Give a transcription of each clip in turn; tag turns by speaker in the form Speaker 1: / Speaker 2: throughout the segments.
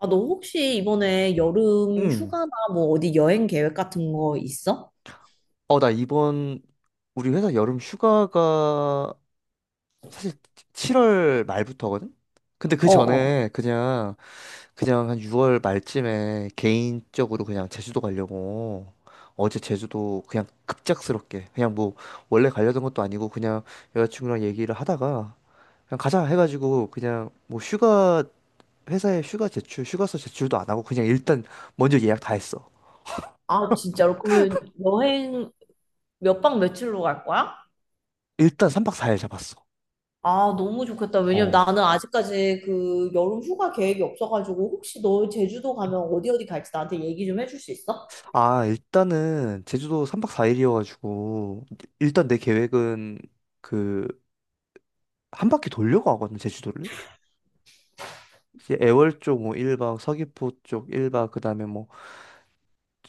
Speaker 1: 아, 너 혹시 이번에 여름
Speaker 2: 응.
Speaker 1: 휴가나 뭐 어디 여행 계획 같은 거 있어?
Speaker 2: 나 이번 우리 회사 여름 휴가가 사실 7월 말부터거든? 근데 그
Speaker 1: 어, 어.
Speaker 2: 전에 그냥 한 6월 말쯤에 개인적으로 그냥 제주도 가려고 어제 제주도 그냥 급작스럽게 그냥 뭐 원래 가려던 것도 아니고 그냥 여자친구랑 얘기를 하다가 그냥 가자 해가지고 그냥 뭐 휴가 회사에 휴가 제출 휴가서 제출도 안 하고 그냥 일단 먼저 예약 다 했어.
Speaker 1: 아, 진짜로? 그러면 여행 몇 박 며칠로 갈 거야?
Speaker 2: 일단 3박 4일 잡았어.
Speaker 1: 아, 너무 좋겠다. 왜냐면 나는 아직까지 그 여름 휴가 계획이 없어가지고 혹시 너 제주도 가면 어디 어디 갈지 나한테 얘기 좀 해줄 수 있어?
Speaker 2: 아, 일단은 제주도 3박 4일이어가지고 일단 내 계획은 그 한 바퀴 돌려고 하거든, 제주도를. 이제 애월 쪽 뭐 1박, 서귀포 쪽 1박, 그다음에 뭐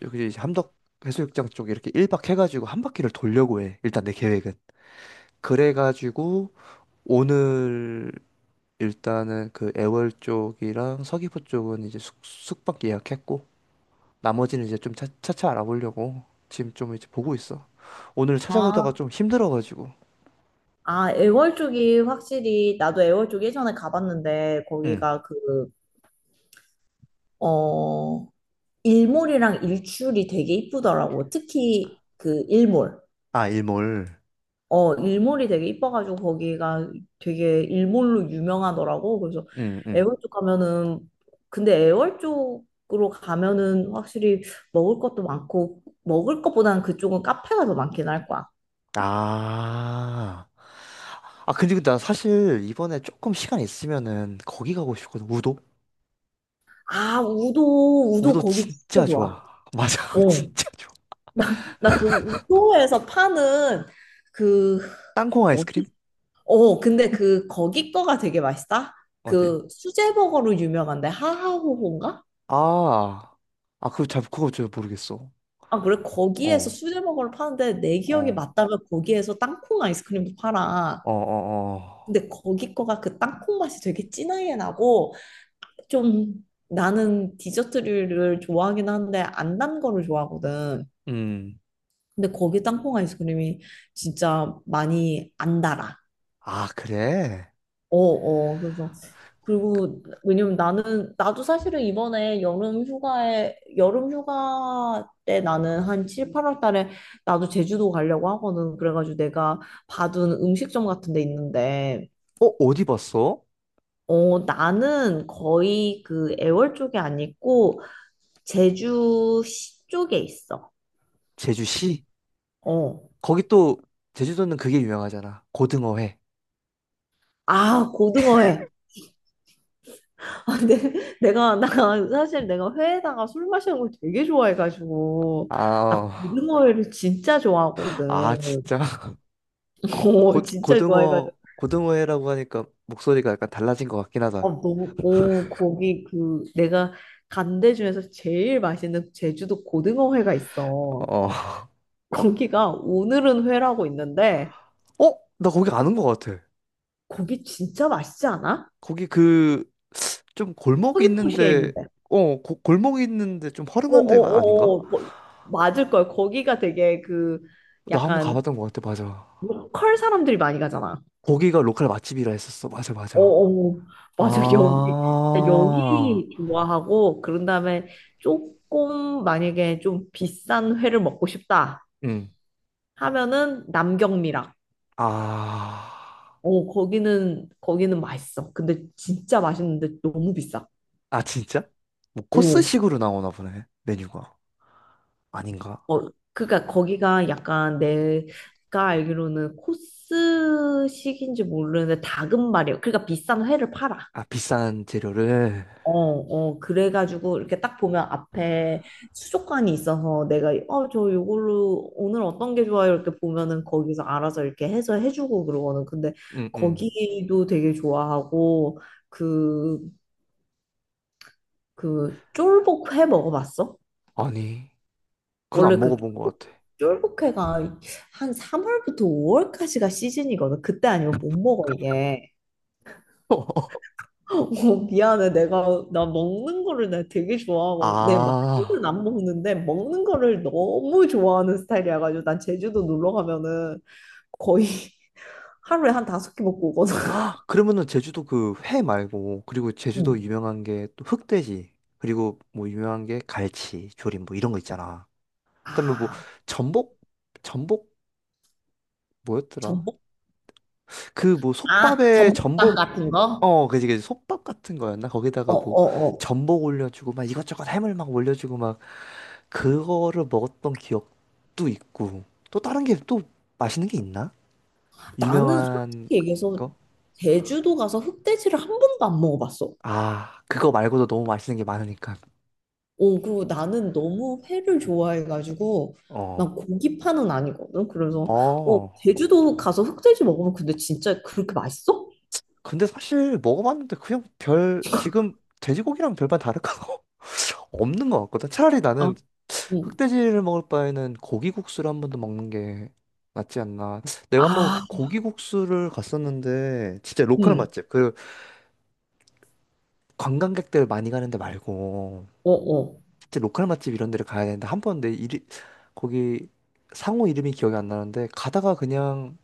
Speaker 2: 저기 이제 함덕 해수욕장 쪽 이렇게 1박 해가지고 한 바퀴를 돌려고 해. 일단 내 계획은. 그래가지고 오늘 일단은 그 애월 쪽이랑 서귀포 쪽은 이제 숙박 예약했고 나머지는 이제 좀 차차 알아보려고 지금 좀 이제 보고 있어. 오늘 찾아보다가
Speaker 1: 아,
Speaker 2: 좀 힘들어가지고.
Speaker 1: 아, 애월 쪽이 확실히 나도 애월 쪽 예전에 가봤는데
Speaker 2: 응.
Speaker 1: 거기가 그, 어, 일몰이랑 일출이 되게 이쁘더라고. 특히 그 일몰.
Speaker 2: 아, 일몰.
Speaker 1: 어, 일몰이 되게 이뻐가지고 거기가 되게 일몰로 유명하더라고. 그래서
Speaker 2: 응, 응.
Speaker 1: 애월 쪽 가면은 근데 애월 쪽으로 가면은 확실히 먹을 것도 많고 먹을 것보다는 그쪽은 카페가 더 많긴 할 거야.
Speaker 2: 아. 아, 근데 나 사실 이번에 조금 시간 있으면은 거기 가고 싶거든. 우도?
Speaker 1: 아, 우도 우도
Speaker 2: 우도
Speaker 1: 거기 진짜
Speaker 2: 진짜
Speaker 1: 좋아.
Speaker 2: 좋아. 맞아.
Speaker 1: 어.
Speaker 2: 진짜 좋아.
Speaker 1: 나 그 우도에서 파는 그
Speaker 2: 땅콩 아이스크림?
Speaker 1: 어디 어, 근데 그 거기 거가 되게 맛있다.
Speaker 2: 어디?
Speaker 1: 그 수제버거로 유명한데 하하호호인가?
Speaker 2: 아. 아, 그거 잘 모르겠어.
Speaker 1: 아, 그래? 거기에서
Speaker 2: 어,
Speaker 1: 수제버거를 파는데 내 기억이
Speaker 2: 어,
Speaker 1: 맞다면 거기에서 땅콩 아이스크림도 팔아.
Speaker 2: 어, 어, 어.
Speaker 1: 근데 거기 거가 그 땅콩 맛이 되게 진하게 나고 좀 나는 디저트류를 좋아하긴 하는데 안 단 거를 좋아하거든.
Speaker 2: 음.
Speaker 1: 근데 거기 땅콩 아이스크림이 진짜 많이 안 달아.
Speaker 2: 아, 그래?
Speaker 1: 어어. 그래서 그리고 왜냐면 나는 나도 사실은 이번에 여름 휴가 때 나는 한 7, 8월 달에 나도 제주도 가려고 하거든. 그래가지고 내가 봐둔 음식점 같은 데 있는데
Speaker 2: 어, 어디 봤어?
Speaker 1: 어 나는 거의 그 애월 쪽에 안 있고 제주시 쪽에 있어.
Speaker 2: 제주시?
Speaker 1: 어.
Speaker 2: 거기 또, 제주도는 그게 유명하잖아. 고등어회.
Speaker 1: 아, 고등어회. 아, 근데 내가 나 사실 내가 회에다가 술 마시는 걸 되게 좋아해가지고
Speaker 2: 아,
Speaker 1: 나
Speaker 2: 어.
Speaker 1: 고등어회를 진짜 좋아하거든.
Speaker 2: 아, 진짜? 고, 고-
Speaker 1: 어, 진짜
Speaker 2: 고등어
Speaker 1: 좋아해가지고.
Speaker 2: 고등어회라고 하니까 목소리가 약간 달라진 것 같긴 하다.
Speaker 1: 어, 너무, 어, 거기 그, 내가 간데 중에서 제일 맛있는 제주도 고등어 회가 있어.
Speaker 2: 어,
Speaker 1: 거기가 오늘은 회라고 있는데,
Speaker 2: 어, 나 거기 아는 것 같아.
Speaker 1: 거기 진짜 맛있지 않아?
Speaker 2: 거기 그 좀 골목이
Speaker 1: 서귀포시에
Speaker 2: 있는데,
Speaker 1: 있는데.
Speaker 2: 어, 골목이 있는데 좀
Speaker 1: 어, 어,
Speaker 2: 허름한 데가 아닌가?
Speaker 1: 어, 어, 맞을 걸. 거기가 되게 그,
Speaker 2: 나 한번
Speaker 1: 약간,
Speaker 2: 가봤던 것 같아. 맞아.
Speaker 1: 로컬 사람들이 많이 가잖아.
Speaker 2: 거기가 로컬 맛집이라 했었어. 맞아,
Speaker 1: 어,
Speaker 2: 맞아.
Speaker 1: 어, 맞아. 여기,
Speaker 2: 아,
Speaker 1: 여기 좋아하고, 그런 다음에 조금, 만약에 좀 비싼 회를 먹고 싶다.
Speaker 2: 응.
Speaker 1: 하면은 남경미락.
Speaker 2: 아,
Speaker 1: 어, 거기는 맛있어. 근데 진짜 맛있는데 너무 비싸.
Speaker 2: 아 진짜? 뭐
Speaker 1: 오.
Speaker 2: 코스식으로 나오나 보네 메뉴가 아닌가?
Speaker 1: 어, 그러니까 거기가 약간 내가 알기로는 코스식인지 모르는데 닭은말이에요. 그러니까 비싼 회를 팔아.
Speaker 2: 아 비싼 재료를.
Speaker 1: 어, 어, 그래가지고 이렇게 딱 보면 앞에 수족관이 있어서 내가 어, 저 요걸로 오늘 어떤 게 좋아요? 이렇게 보면은 거기서 알아서 이렇게 해서 해주고 그러거든. 근데
Speaker 2: 응, 응.
Speaker 1: 거기도 되게 좋아하고 그 그 쫄복회 먹어봤어?
Speaker 2: 아니. 그건
Speaker 1: 원래
Speaker 2: 안
Speaker 1: 그
Speaker 2: 먹어본 것 같아.
Speaker 1: 쫄복회가 한 3월부터 5월까지가 시즌이거든. 그때 아니면 못 먹어 이게. 어, 미안해. 내가 나 먹는 거를 내가 되게 좋아하고 내 많이는
Speaker 2: 아,
Speaker 1: 안 먹는데 먹는 거를 너무 좋아하는 스타일이라 가지고 난 제주도 놀러 가면은 거의 하루에 한 다섯 개 먹고 오거든.
Speaker 2: 아, 그러면은 제주도 그 회 말고, 그리고 제주도
Speaker 1: 음.
Speaker 2: 유명한 게 또 흑돼지, 그리고 뭐 유명한 게 갈치, 조림 뭐 이런 거 있잖아. 그다음에 뭐
Speaker 1: 아,
Speaker 2: 전복, 전복 뭐였더라?
Speaker 1: 전복?
Speaker 2: 그 뭐
Speaker 1: 아,
Speaker 2: 솥밥에
Speaker 1: 전복탕
Speaker 2: 전복,
Speaker 1: 같은 거?
Speaker 2: 그지, 그지, 솥밥 같은 거였나? 거기다가 뭐
Speaker 1: 어어어.
Speaker 2: 전복 올려주고 막 이것저것 해물 막 올려주고 막 그거를 먹었던 기억도 있고, 또 다른 게 또 맛있는 게 있나?
Speaker 1: 나는
Speaker 2: 유명한
Speaker 1: 솔직히 얘기해서
Speaker 2: 거?
Speaker 1: 제주도 가서 흑돼지를 한 번도 안 먹어봤어.
Speaker 2: 아, 그거 말고도 너무 맛있는 게 많으니까.
Speaker 1: 어, 그리고 나는 너무 회를 좋아해가지고 난
Speaker 2: 어,
Speaker 1: 고기파는 아니거든. 그래서 어,
Speaker 2: 어.
Speaker 1: 제주도 가서 흑돼지 먹으면 근데 진짜 그렇게 맛있어?
Speaker 2: 근데 사실 먹어봤는데 그냥 지금 돼지고기랑 별반 다를 거 없는 것 같거든. 차라리
Speaker 1: 아,
Speaker 2: 나는
Speaker 1: 응.
Speaker 2: 흑돼지를 먹을 바에는 고기국수를 한 번 더 먹는 게 낫지 않나. 내가 한번
Speaker 1: 아,
Speaker 2: 고기국수를 갔었는데, 진짜 로컬
Speaker 1: 응.
Speaker 2: 맛집. 그 관광객들 많이 가는 데 말고,
Speaker 1: 어, 어.
Speaker 2: 진짜 로컬 맛집 이런 데를 가야 되는데, 한 번 내 이리, 거기 상호 이름이 기억이 안 나는데, 가다가 그냥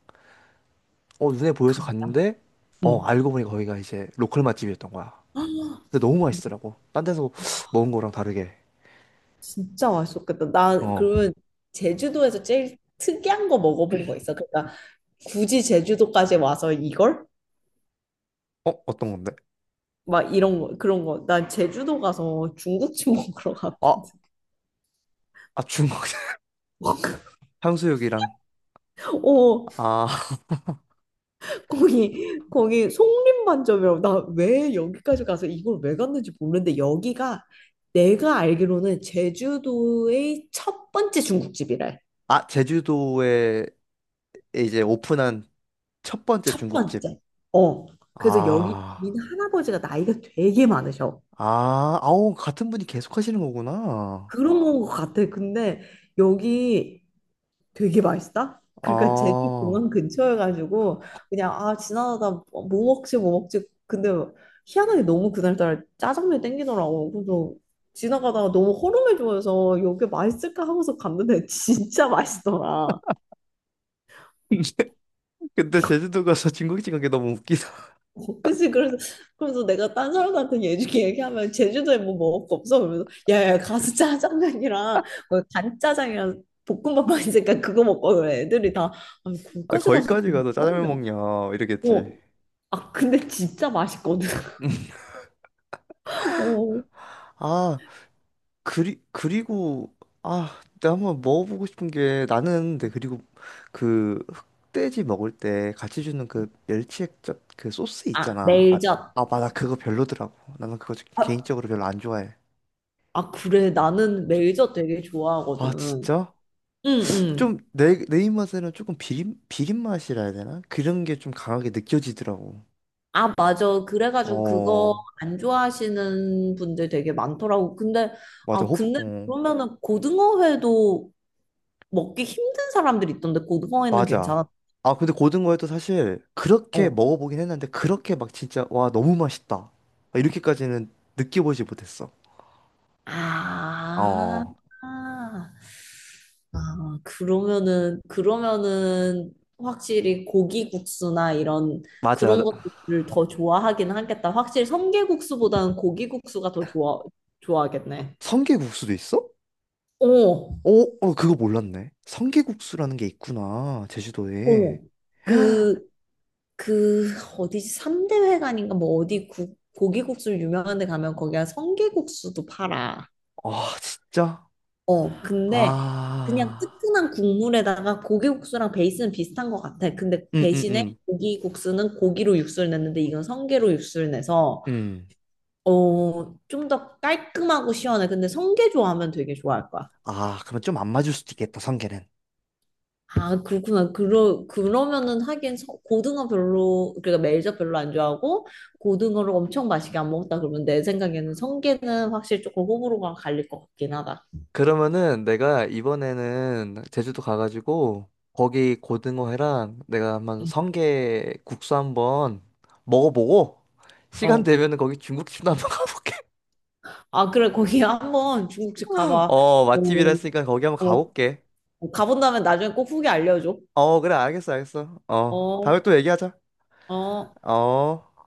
Speaker 2: 눈에 보여서
Speaker 1: 가-
Speaker 2: 갔는데,
Speaker 1: 응.
Speaker 2: 알고 보니 거기가 이제 로컬 맛집이었던 거야.
Speaker 1: 아,
Speaker 2: 근데 너무 맛있더라고. 딴 데서 먹은 거랑 다르게.
Speaker 1: 진짜 맛있었겠다. 나
Speaker 2: 어.
Speaker 1: 그러면 제주도에서 제일 특이한 거 먹어본 거 있어? 그러니까 굳이 제주도까지 와서 이걸?
Speaker 2: 어떤 건데?
Speaker 1: 막 이런 거 그런 거. 난 제주도 가서 중국집 먹으러
Speaker 2: 아,
Speaker 1: 갔거든.
Speaker 2: 아, 중국 향수육이랑.
Speaker 1: 어,
Speaker 2: 아,
Speaker 1: 거기 거기 송림반점이라고 나 왜 여기까지 가서 이걸 왜 갔는지 모르는데 여기가 내가 알기로는 제주도의 첫 번째 중국집이래.
Speaker 2: 아, 제주도에 이제 오픈한 첫 번째
Speaker 1: 첫
Speaker 2: 중국집.
Speaker 1: 번째. 어. 그래서 여기
Speaker 2: 아,
Speaker 1: 주인 할아버지가 나이가 되게 많으셔.
Speaker 2: 아, 아우, 같은 분이 계속 하시는 거구나.
Speaker 1: 그런 건 것 같아. 근데 여기 되게 맛있다? 그러니까 제주
Speaker 2: 아.
Speaker 1: 공항 근처여가지고 그냥 아 지나가다 뭐 먹지 뭐 먹지. 근데 희한하게 너무 그날따라 짜장면이 땡기더라고. 그래서 지나가다가 너무 허름해 보여서 여기 맛있을까 하고서 갔는데 진짜 맛있더라.
Speaker 2: 근데 제주도 가서 중국집 간 게 너무 웃기다.
Speaker 1: 어, 그치. 그래서 내가 딴 사람한테 얘기 얘기하면 제주도에 뭐 먹을 거 없어? 그러면서 야야, 가서 짜장면이랑 뭐 간짜장이랑 볶음밥 만 있으니까 그거 먹고 그래. 애들이 다 아니,
Speaker 2: 아,
Speaker 1: 거기까지 가서
Speaker 2: 거기까지
Speaker 1: 그거
Speaker 2: 가서 짜장면
Speaker 1: 먹냐?
Speaker 2: 먹냐, 이러겠지.
Speaker 1: 어. 아, 근데 진짜 맛있거든. 어.
Speaker 2: 아, 그리고 아 내가 한번 먹어보고 싶은 게 나는 근데 그리고 그 흑돼지 먹을 때 같이 주는 그 멸치액젓 그 소스
Speaker 1: 아,
Speaker 2: 있잖아 아,
Speaker 1: 일젓.
Speaker 2: 아, 맞아 그거 별로더라고 나는 그거 좀
Speaker 1: 아,
Speaker 2: 개인적으로 별로 안 좋아해
Speaker 1: 아, 그래. 나는
Speaker 2: 좀,
Speaker 1: 일젓 되게 좋아하거든.
Speaker 2: 아
Speaker 1: 응,
Speaker 2: 진짜?
Speaker 1: 응.
Speaker 2: 좀 내 입맛에는 조금 비린 비린 맛이라 해야 되나? 그런 게 좀 강하게 느껴지더라고
Speaker 1: 아, 맞아. 그래가지고 그거
Speaker 2: 어
Speaker 1: 안 좋아하시는 분들 되게 많더라고. 근데,
Speaker 2: 맞아
Speaker 1: 아,
Speaker 2: 호불
Speaker 1: 근데
Speaker 2: 어.
Speaker 1: 그러면은 고등어회도 먹기 힘든 사람들 있던데, 고등어회는
Speaker 2: 맞아.
Speaker 1: 괜찮아.
Speaker 2: 아, 근데 고등어에도 사실 그렇게
Speaker 1: 어.
Speaker 2: 먹어보긴 했는데 그렇게 막 진짜 와, 너무 맛있다. 아, 이렇게까지는 느껴보지 못했어. 어,
Speaker 1: 아.
Speaker 2: 어.
Speaker 1: 아, 그러면은 확실히 고기국수나 이런 그런
Speaker 2: 맞아.
Speaker 1: 것들을 더 좋아하긴 하겠다. 확실히 성게국수보다는 고기국수가 더 좋아하겠네.
Speaker 2: 성게국수도 있어?
Speaker 1: 어,
Speaker 2: 어, 어, 그거 몰랐네. 성게국수라는 게 있구나.
Speaker 1: 어.
Speaker 2: 제주도에.
Speaker 1: 그, 그, 어디지? 삼대회관인가? 뭐 어디 고기국수 유명한 데 가면 거기가 성게국수도 팔아.
Speaker 2: 아, 진짜?
Speaker 1: 어, 근데 그냥
Speaker 2: 아.
Speaker 1: 뜨끈한 국물에다가 고기국수랑 베이스는 비슷한 것 같아. 근데
Speaker 2: 음, 음,
Speaker 1: 대신에
Speaker 2: 음.
Speaker 1: 고기국수는 고기로 육수를 냈는데 이건 성게로 육수를 내서
Speaker 2: 응.
Speaker 1: 어, 좀 더 깔끔하고 시원해. 근데 성게 좋아하면 되게 좋아할 거야.
Speaker 2: 아, 그러면 좀 안 맞을 수도 있겠다, 성게는.
Speaker 1: 아, 그렇구나. 그러면은 하긴 고등어 별로, 그러니까 멜젓 별로 안 좋아하고 고등어를 엄청 맛있게 안 먹었다 그러면 내 생각에는 성게는 확실히 조금 호불호가 갈릴 것 같긴 하다.
Speaker 2: 그러면은 내가 이번에는 제주도 가가지고 거기 고등어회랑 내가 한번
Speaker 1: 응.
Speaker 2: 성게 국수 한번 먹어보고 시간
Speaker 1: 어.
Speaker 2: 되면은 거기 중국집도 한번 가볼게.
Speaker 1: 아, 그래, 거기 한번 중국집 가봐.
Speaker 2: 어,
Speaker 1: 어,
Speaker 2: 맛집이라 했으니까 거기 한번
Speaker 1: 어,
Speaker 2: 가볼게.
Speaker 1: 가본다면 나중에 꼭 후기 알려줘.
Speaker 2: 어, 그래, 알겠어, 알겠어. 어, 다음에
Speaker 1: 어,
Speaker 2: 또 얘기하자.
Speaker 1: 어.
Speaker 2: 어.